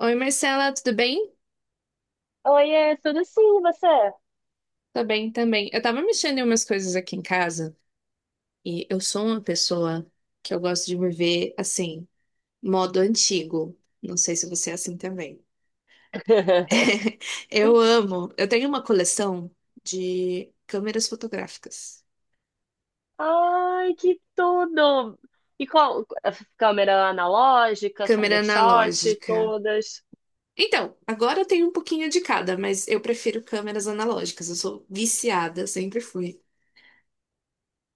Oi, Marcela, tudo bem? Oiê, tudo sim, e você? Tô bem também. Eu tava mexendo em umas coisas aqui em casa e eu sou uma pessoa que eu gosto de me ver assim, modo antigo. Não sei se você é assim também. Eu amo. Eu tenho uma coleção de câmeras fotográficas, Ai, que tudo! E qual? Câmera analógica, câmera Cybershot, analógica. todas. Então, agora eu tenho um pouquinho de cada, mas eu prefiro câmeras analógicas. Eu sou viciada, sempre fui.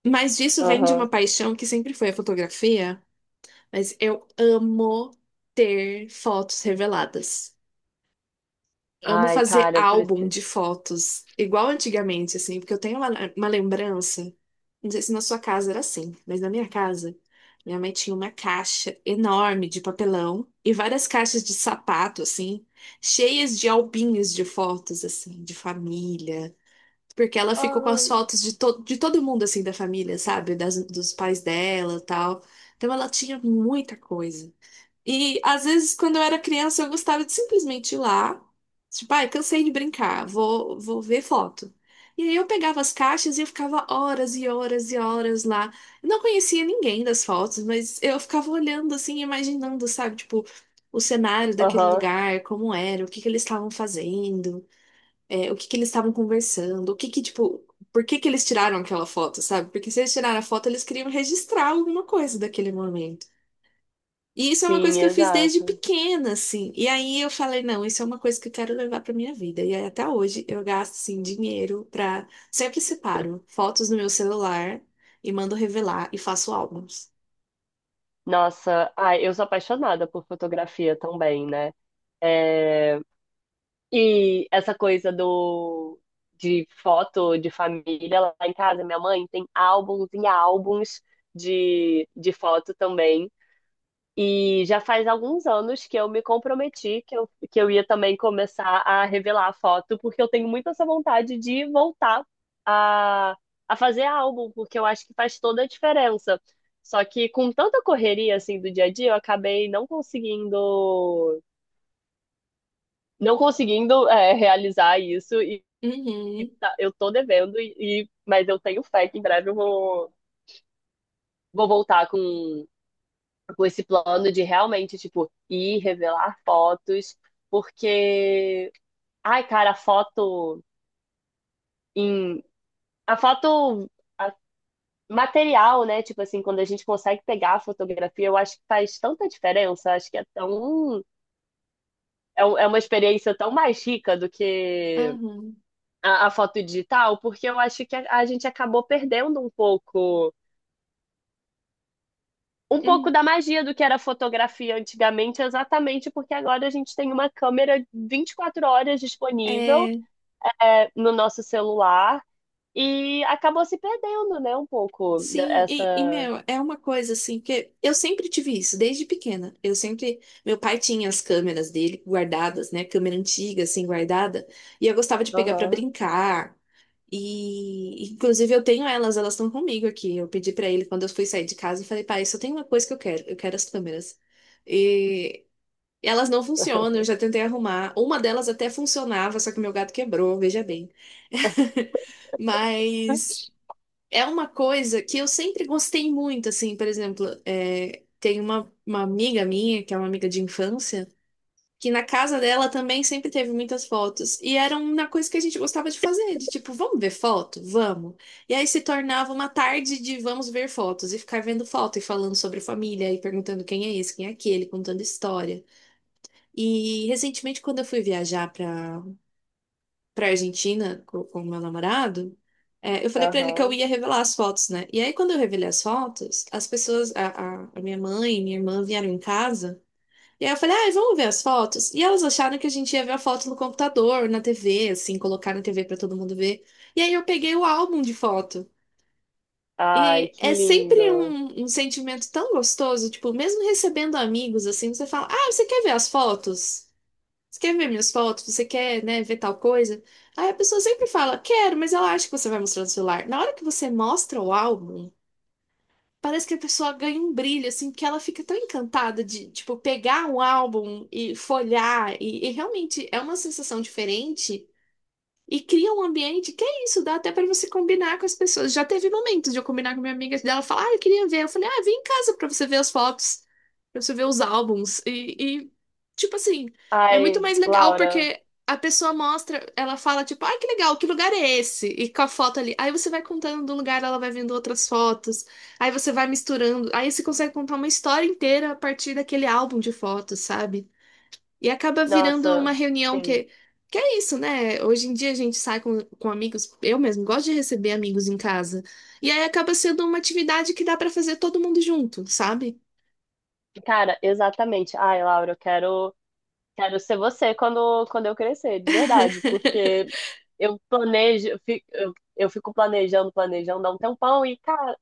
Mas disso vem de uma Aham. paixão que sempre foi a fotografia. Mas eu amo ter fotos reveladas. Amo Ai, fazer cara, eu álbum preciso. de fotos, igual antigamente, assim, porque eu tenho uma lembrança. Não sei se na sua casa era assim, mas na minha casa, minha mãe tinha uma caixa enorme de papelão e várias caixas de sapato, assim, cheias de albinhos de fotos, assim, de família. Porque ela ficou com Ah. as fotos de, to de todo mundo, assim, da família, sabe? Dos pais dela e tal. Então ela tinha muita coisa. E às vezes, quando eu era criança, eu gostava de simplesmente ir lá. Tipo, ai, cansei de brincar, vou ver foto. E aí eu pegava as caixas e eu ficava horas e horas e horas lá. Eu não conhecia ninguém das fotos, mas eu ficava olhando assim, imaginando, sabe, tipo, o cenário daquele Aham. lugar, como era, o que que eles estavam fazendo, o que que eles estavam conversando, o que que, tipo, por que que eles tiraram aquela foto, sabe? Porque se eles tiraram a foto, eles queriam registrar alguma coisa daquele momento. E isso é uma coisa Sim, que eu fiz desde exato. pequena, assim. E aí eu falei, não, isso é uma coisa que eu quero levar pra minha vida. E aí até hoje eu gasto, assim, dinheiro pra... Sempre separo fotos no meu celular e mando revelar e faço álbuns. Nossa, ai, eu sou apaixonada por fotografia também, né? É. E essa coisa do de foto de família lá em casa, minha mãe tem álbuns e álbuns de foto também. E já faz alguns anos que eu me comprometi que eu ia também começar a revelar a foto, porque eu tenho muito essa vontade de voltar a, a fazer álbum, porque eu acho que faz toda a diferença. Só que com tanta correria assim do dia a dia, eu acabei não conseguindo, realizar isso, Uhum, eu tô devendo, mas eu tenho fé que em breve eu vou, vou voltar com esse plano de realmente, tipo, ir revelar fotos, porque, ai, cara, a foto em. A foto a- material, né? Tipo assim, quando a gente consegue pegar a fotografia, eu acho que faz tanta diferença. Acho que é tão. É uma experiência tão mais rica do que uhum, a foto digital, porque eu acho que a gente acabou perdendo um pouco uhum. da magia do que era fotografia antigamente, exatamente porque agora a gente tem uma câmera 24 horas disponível, É, no nosso celular, e acabou se perdendo, né, um pouco sim. Dessa. Meu, é uma coisa, assim, que eu sempre tive isso, desde pequena. Eu sempre... Meu pai tinha as câmeras dele guardadas, né? Câmera antiga, assim, guardada. E eu gostava de pegar pra Aham. brincar. E, inclusive, eu tenho elas, elas estão comigo aqui. Eu pedi pra ele quando eu fui sair de casa, eu falei, pai, só tem uma coisa que eu quero as câmeras. E elas não funcionam, eu já tentei arrumar. Uma delas até funcionava, só que meu gato quebrou, veja bem. Mas é uma coisa que eu sempre gostei muito, assim, por exemplo, tem uma amiga minha, que é uma amiga de infância que na casa dela também sempre teve muitas fotos. E era uma coisa que a gente gostava de fazer, de tipo, vamos ver foto? Vamos. E aí se tornava uma tarde de vamos ver fotos e ficar vendo foto e falando sobre família e perguntando quem é esse, quem é aquele, contando história. E recentemente, quando eu fui viajar para Argentina com o meu namorado, eu falei para ele que eu Aham. ia revelar as fotos, né? E aí, quando eu revelei as fotos, a minha mãe e minha irmã vieram em casa. E aí eu falei, ah, eles ver as fotos. E elas acharam que a gente ia ver a foto no computador, na TV, assim, colocar na TV pra todo mundo ver. E aí eu peguei o álbum de foto. Ai, E que é sempre lindo. Um sentimento tão gostoso, tipo, mesmo recebendo amigos, assim, você fala, ah, você quer ver as fotos? Você quer ver minhas fotos? Você quer, né, ver tal coisa? Aí a pessoa sempre fala, quero, mas ela acha que você vai mostrar no celular. Na hora que você mostra o álbum, parece que a pessoa ganha um brilho, assim, que ela fica tão encantada de, tipo, pegar um álbum e folhear, e realmente é uma sensação diferente e cria um ambiente que é isso, dá até para você combinar com as pessoas. Já teve momentos de eu combinar com minha amiga dela falar, ah, eu queria ver. Eu falei, ah, vem em casa para você ver as fotos, para você ver os álbuns. Tipo assim, é muito Ai, mais legal Laura. porque a pessoa mostra, ela fala, tipo, ai, que legal, que lugar é esse? E com a foto ali. Aí você vai contando do lugar, ela vai vendo outras fotos. Aí você vai misturando. Aí você consegue contar uma história inteira a partir daquele álbum de fotos, sabe? E acaba virando uma Nossa, reunião sim. Que é isso, né? Hoje em dia a gente sai com amigos, eu mesmo gosto de receber amigos em casa. E aí acaba sendo uma atividade que dá pra fazer todo mundo junto, sabe? Cara, exatamente. Ai, Laura, eu quero Quero ser você quando eu crescer, de verdade, porque eu planejo, eu fico, eu fico planejando, planejando há um tempão e, cara,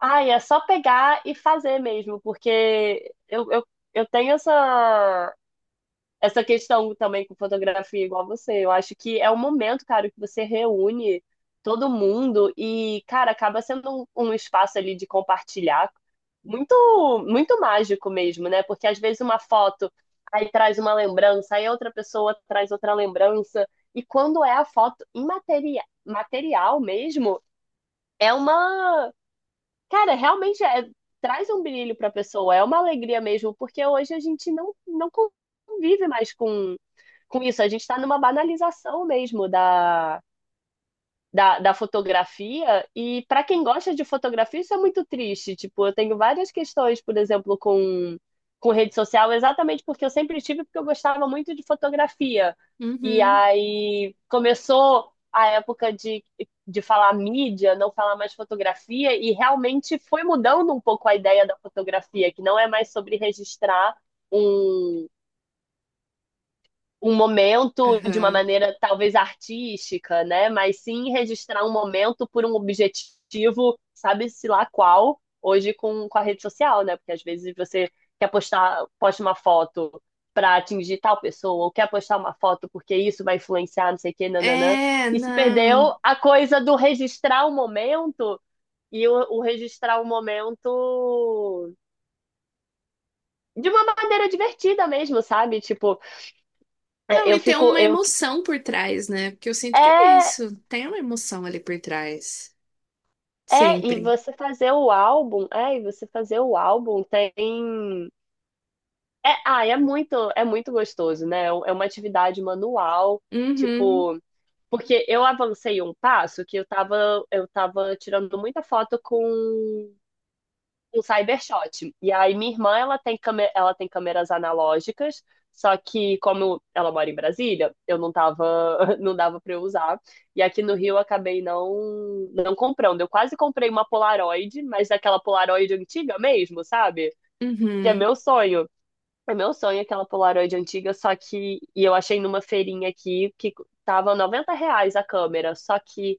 ai, é só pegar e fazer mesmo, porque eu tenho essa questão também com fotografia igual você. Eu acho que é um momento, cara, que você reúne todo mundo e, cara, acaba sendo um, espaço ali de compartilhar muito, muito mágico mesmo, né? Porque às vezes uma foto aí traz uma lembrança, aí outra pessoa traz outra lembrança. E quando é a foto imaterial, material mesmo, é uma cara, realmente, traz um brilho para a pessoa, é uma alegria mesmo, porque hoje a gente não convive mais com, isso. A gente está numa banalização mesmo da, da fotografia, e para quem gosta de fotografia, isso é muito triste. Tipo, eu tenho várias questões, por exemplo, com, rede social, exatamente porque eu sempre tive, porque eu gostava muito de fotografia. E Uhum. aí começou a época de falar mídia, não falar mais fotografia, e realmente foi mudando um pouco a ideia da fotografia, que não é mais sobre registrar um um momento de uma Aham. maneira talvez artística, né? Mas sim registrar um momento por um objetivo, sabe-se lá qual, hoje com a rede social, né? Porque às vezes você quer postar, posta uma foto para atingir tal pessoa, ou quer postar uma foto porque isso vai influenciar, não sei o quê, nananã. É, E se não. perdeu a coisa do registrar o momento e o registrar o momento de uma maneira divertida mesmo, sabe? Tipo, Não, eu e tem fico. uma emoção por trás, né? Porque eu sinto que é é, isso. Tem uma emoção ali por trás. É, e Sempre. você fazer o álbum, é, e você fazer o álbum tem. É, ah, é muito gostoso, né? É uma atividade manual, Uhum. tipo, porque eu avancei um passo que eu tava tirando muita foto com um Cybershot. E aí minha irmã, ela tem câmera, ela tem câmeras analógicas, só que como ela mora em Brasília, eu não tava, não dava para eu usar. E aqui no Rio eu acabei não comprando. Eu quase comprei uma Polaroid, mas aquela Polaroid antiga mesmo, sabe? Que é Uhum. meu sonho. É meu sonho aquela Polaroid antiga, só que e eu achei numa feirinha aqui que tava R$ 90 a câmera, só que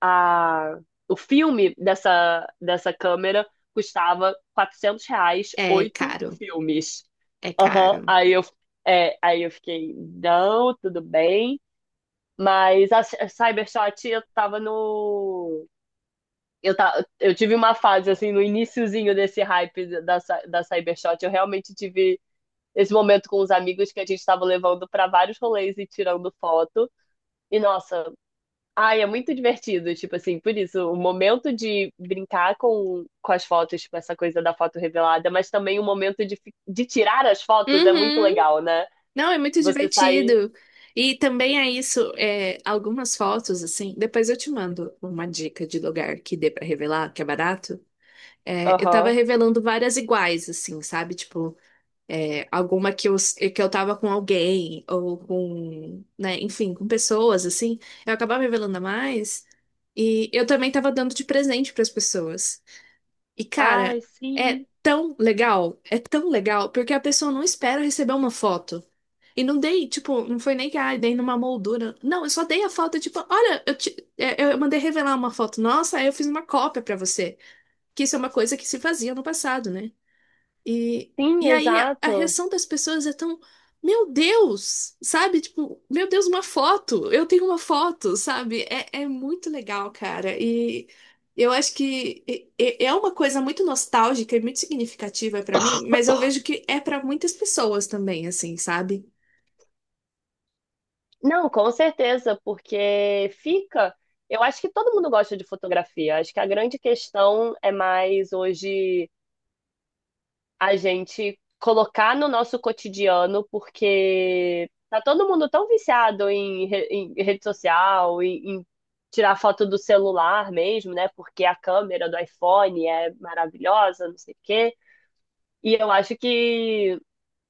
a, o filme dessa câmera custava R$ 400, É oito caro. filmes. É Aham. caro. Aí eu fiquei, não, tudo bem. Mas a Cybershot, eu tava no. Eu tive uma fase, assim, no iniciozinho desse hype da Cybershot. Eu realmente tive esse momento com os amigos que a gente tava levando pra vários rolês e tirando foto. E, nossa. Ai, é muito divertido, tipo assim, por isso, o momento de brincar com, as fotos, tipo, essa coisa da foto revelada, mas também o momento de tirar as fotos é muito Uhum. legal, né? Não, é muito Você sair. divertido. E também é isso, algumas fotos, assim. Depois eu te mando uma dica de lugar que dê pra revelar, que é barato. É, eu tava Aham. revelando várias iguais, assim, sabe? Tipo, alguma que eu tava com alguém, ou com, né, enfim, com pessoas, assim. Eu acabava revelando a mais. E eu também tava dando de presente pras pessoas. E, cara, Ai, sim. É tão legal, porque a pessoa não espera receber uma foto. E não dei, tipo, não foi nem que ah, dei numa moldura. Não, eu só dei a foto, tipo, olha, eu mandei revelar uma foto nossa, aí eu fiz uma cópia pra você. Que isso é uma coisa que se fazia no passado, né? E, Sim, e aí a exato. reação das pessoas é tão, meu Deus, sabe? Tipo, meu Deus, uma foto, eu tenho uma foto, sabe? É, é muito legal, cara. E eu acho que é uma coisa muito nostálgica e muito significativa pra mim, mas eu vejo que é pra muitas pessoas também, assim, sabe? Não, com certeza, porque fica. Eu acho que todo mundo gosta de fotografia. Acho que a grande questão é mais hoje. A gente colocar no nosso cotidiano, porque tá todo mundo tão viciado em rede social, em tirar foto do celular mesmo, né? Porque a câmera do iPhone é maravilhosa, não sei o quê. E eu acho que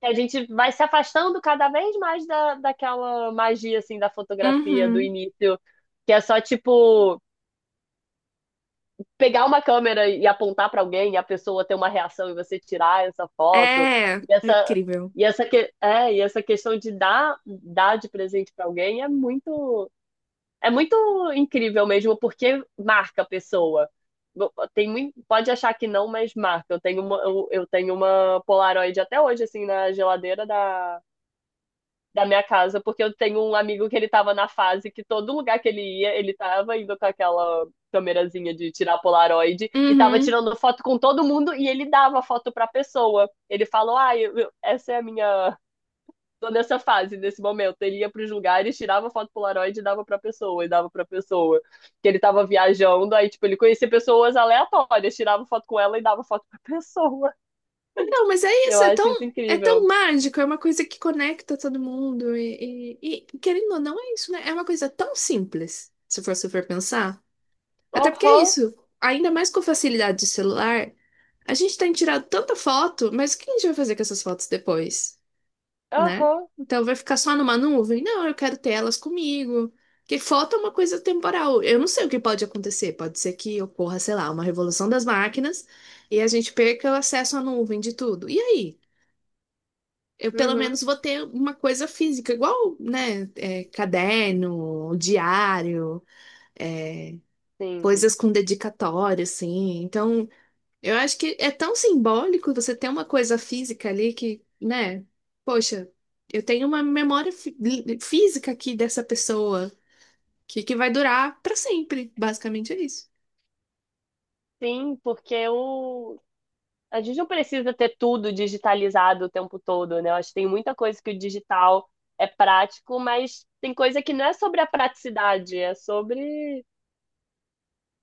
a gente vai se afastando cada vez mais daquela magia, assim, da fotografia do Uhum. início, que é só tipo pegar uma câmera e apontar para alguém e a pessoa ter uma reação e você tirar essa foto, É, e É essa incrível. e essa que é e essa questão de dar de presente para alguém é muito incrível mesmo, porque marca a pessoa. Pode achar que não, mas marca. Eu tenho uma Polaroid até hoje assim na geladeira da minha casa, porque eu tenho um amigo que ele tava na fase que todo lugar que ele ia, ele tava indo com aquela câmerazinha de tirar polaroid e tava Uhum. tirando foto com todo mundo, e ele dava foto pra pessoa. Ele falou: "Ah, essa é a minha, tô nessa fase, nesse momento". Ele ia pros lugares, tirava foto polaroid e dava pra pessoa, e dava pra pessoa. Que ele tava viajando, aí tipo, ele conhecia pessoas aleatórias, tirava foto com ela e dava foto pra pessoa. Não, mas é Eu isso, acho isso é tão incrível. mágico, é uma coisa que conecta todo mundo e, querendo ou não, é isso, né? É uma coisa tão simples, se for super pensar. Até porque é Aham, isso, ainda mais com a facilidade do celular, a gente tem tirado tanta foto, mas o que a gente vai fazer com essas fotos depois? Né? aham. Então vai ficar só numa nuvem? Não, eu quero ter elas comigo. Porque falta uma coisa temporal. Eu não sei o que pode acontecer. Pode ser que ocorra, sei lá, uma revolução das máquinas e a gente perca o acesso à nuvem de tudo. E aí? Eu pelo Uhum, menos vou ter uma coisa física, igual, né? Caderno, diário, é, sim. coisas com dedicatória, assim. Então eu acho que é tão simbólico você ter uma coisa física ali que, né? Poxa, eu tenho uma memória física aqui dessa pessoa que vai durar pra sempre. Basicamente é isso. Sim, porque o... A gente não precisa ter tudo digitalizado o tempo todo, né? Eu acho que tem muita coisa que o digital é prático, mas tem coisa que não é sobre a praticidade, é sobre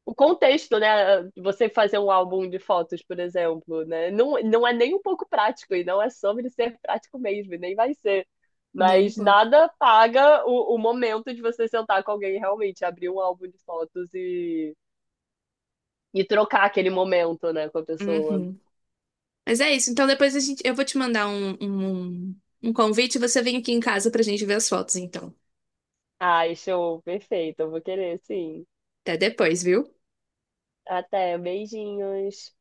o contexto, né? Você fazer um álbum de fotos, por exemplo, né? Não, não é nem um pouco prático, e não é sobre ser prático mesmo, e nem vai ser. Nem um Mas pouco. nada paga o momento de você sentar com alguém e realmente abrir um álbum de fotos e, trocar aquele momento, né, com a pessoa. Uhum. Mas é isso. Então depois a gente, eu vou te mandar um convite e você vem aqui em casa pra gente ver as fotos, então. Ai, show, perfeito. Eu vou querer, sim. Até depois, viu? Até, beijinhos.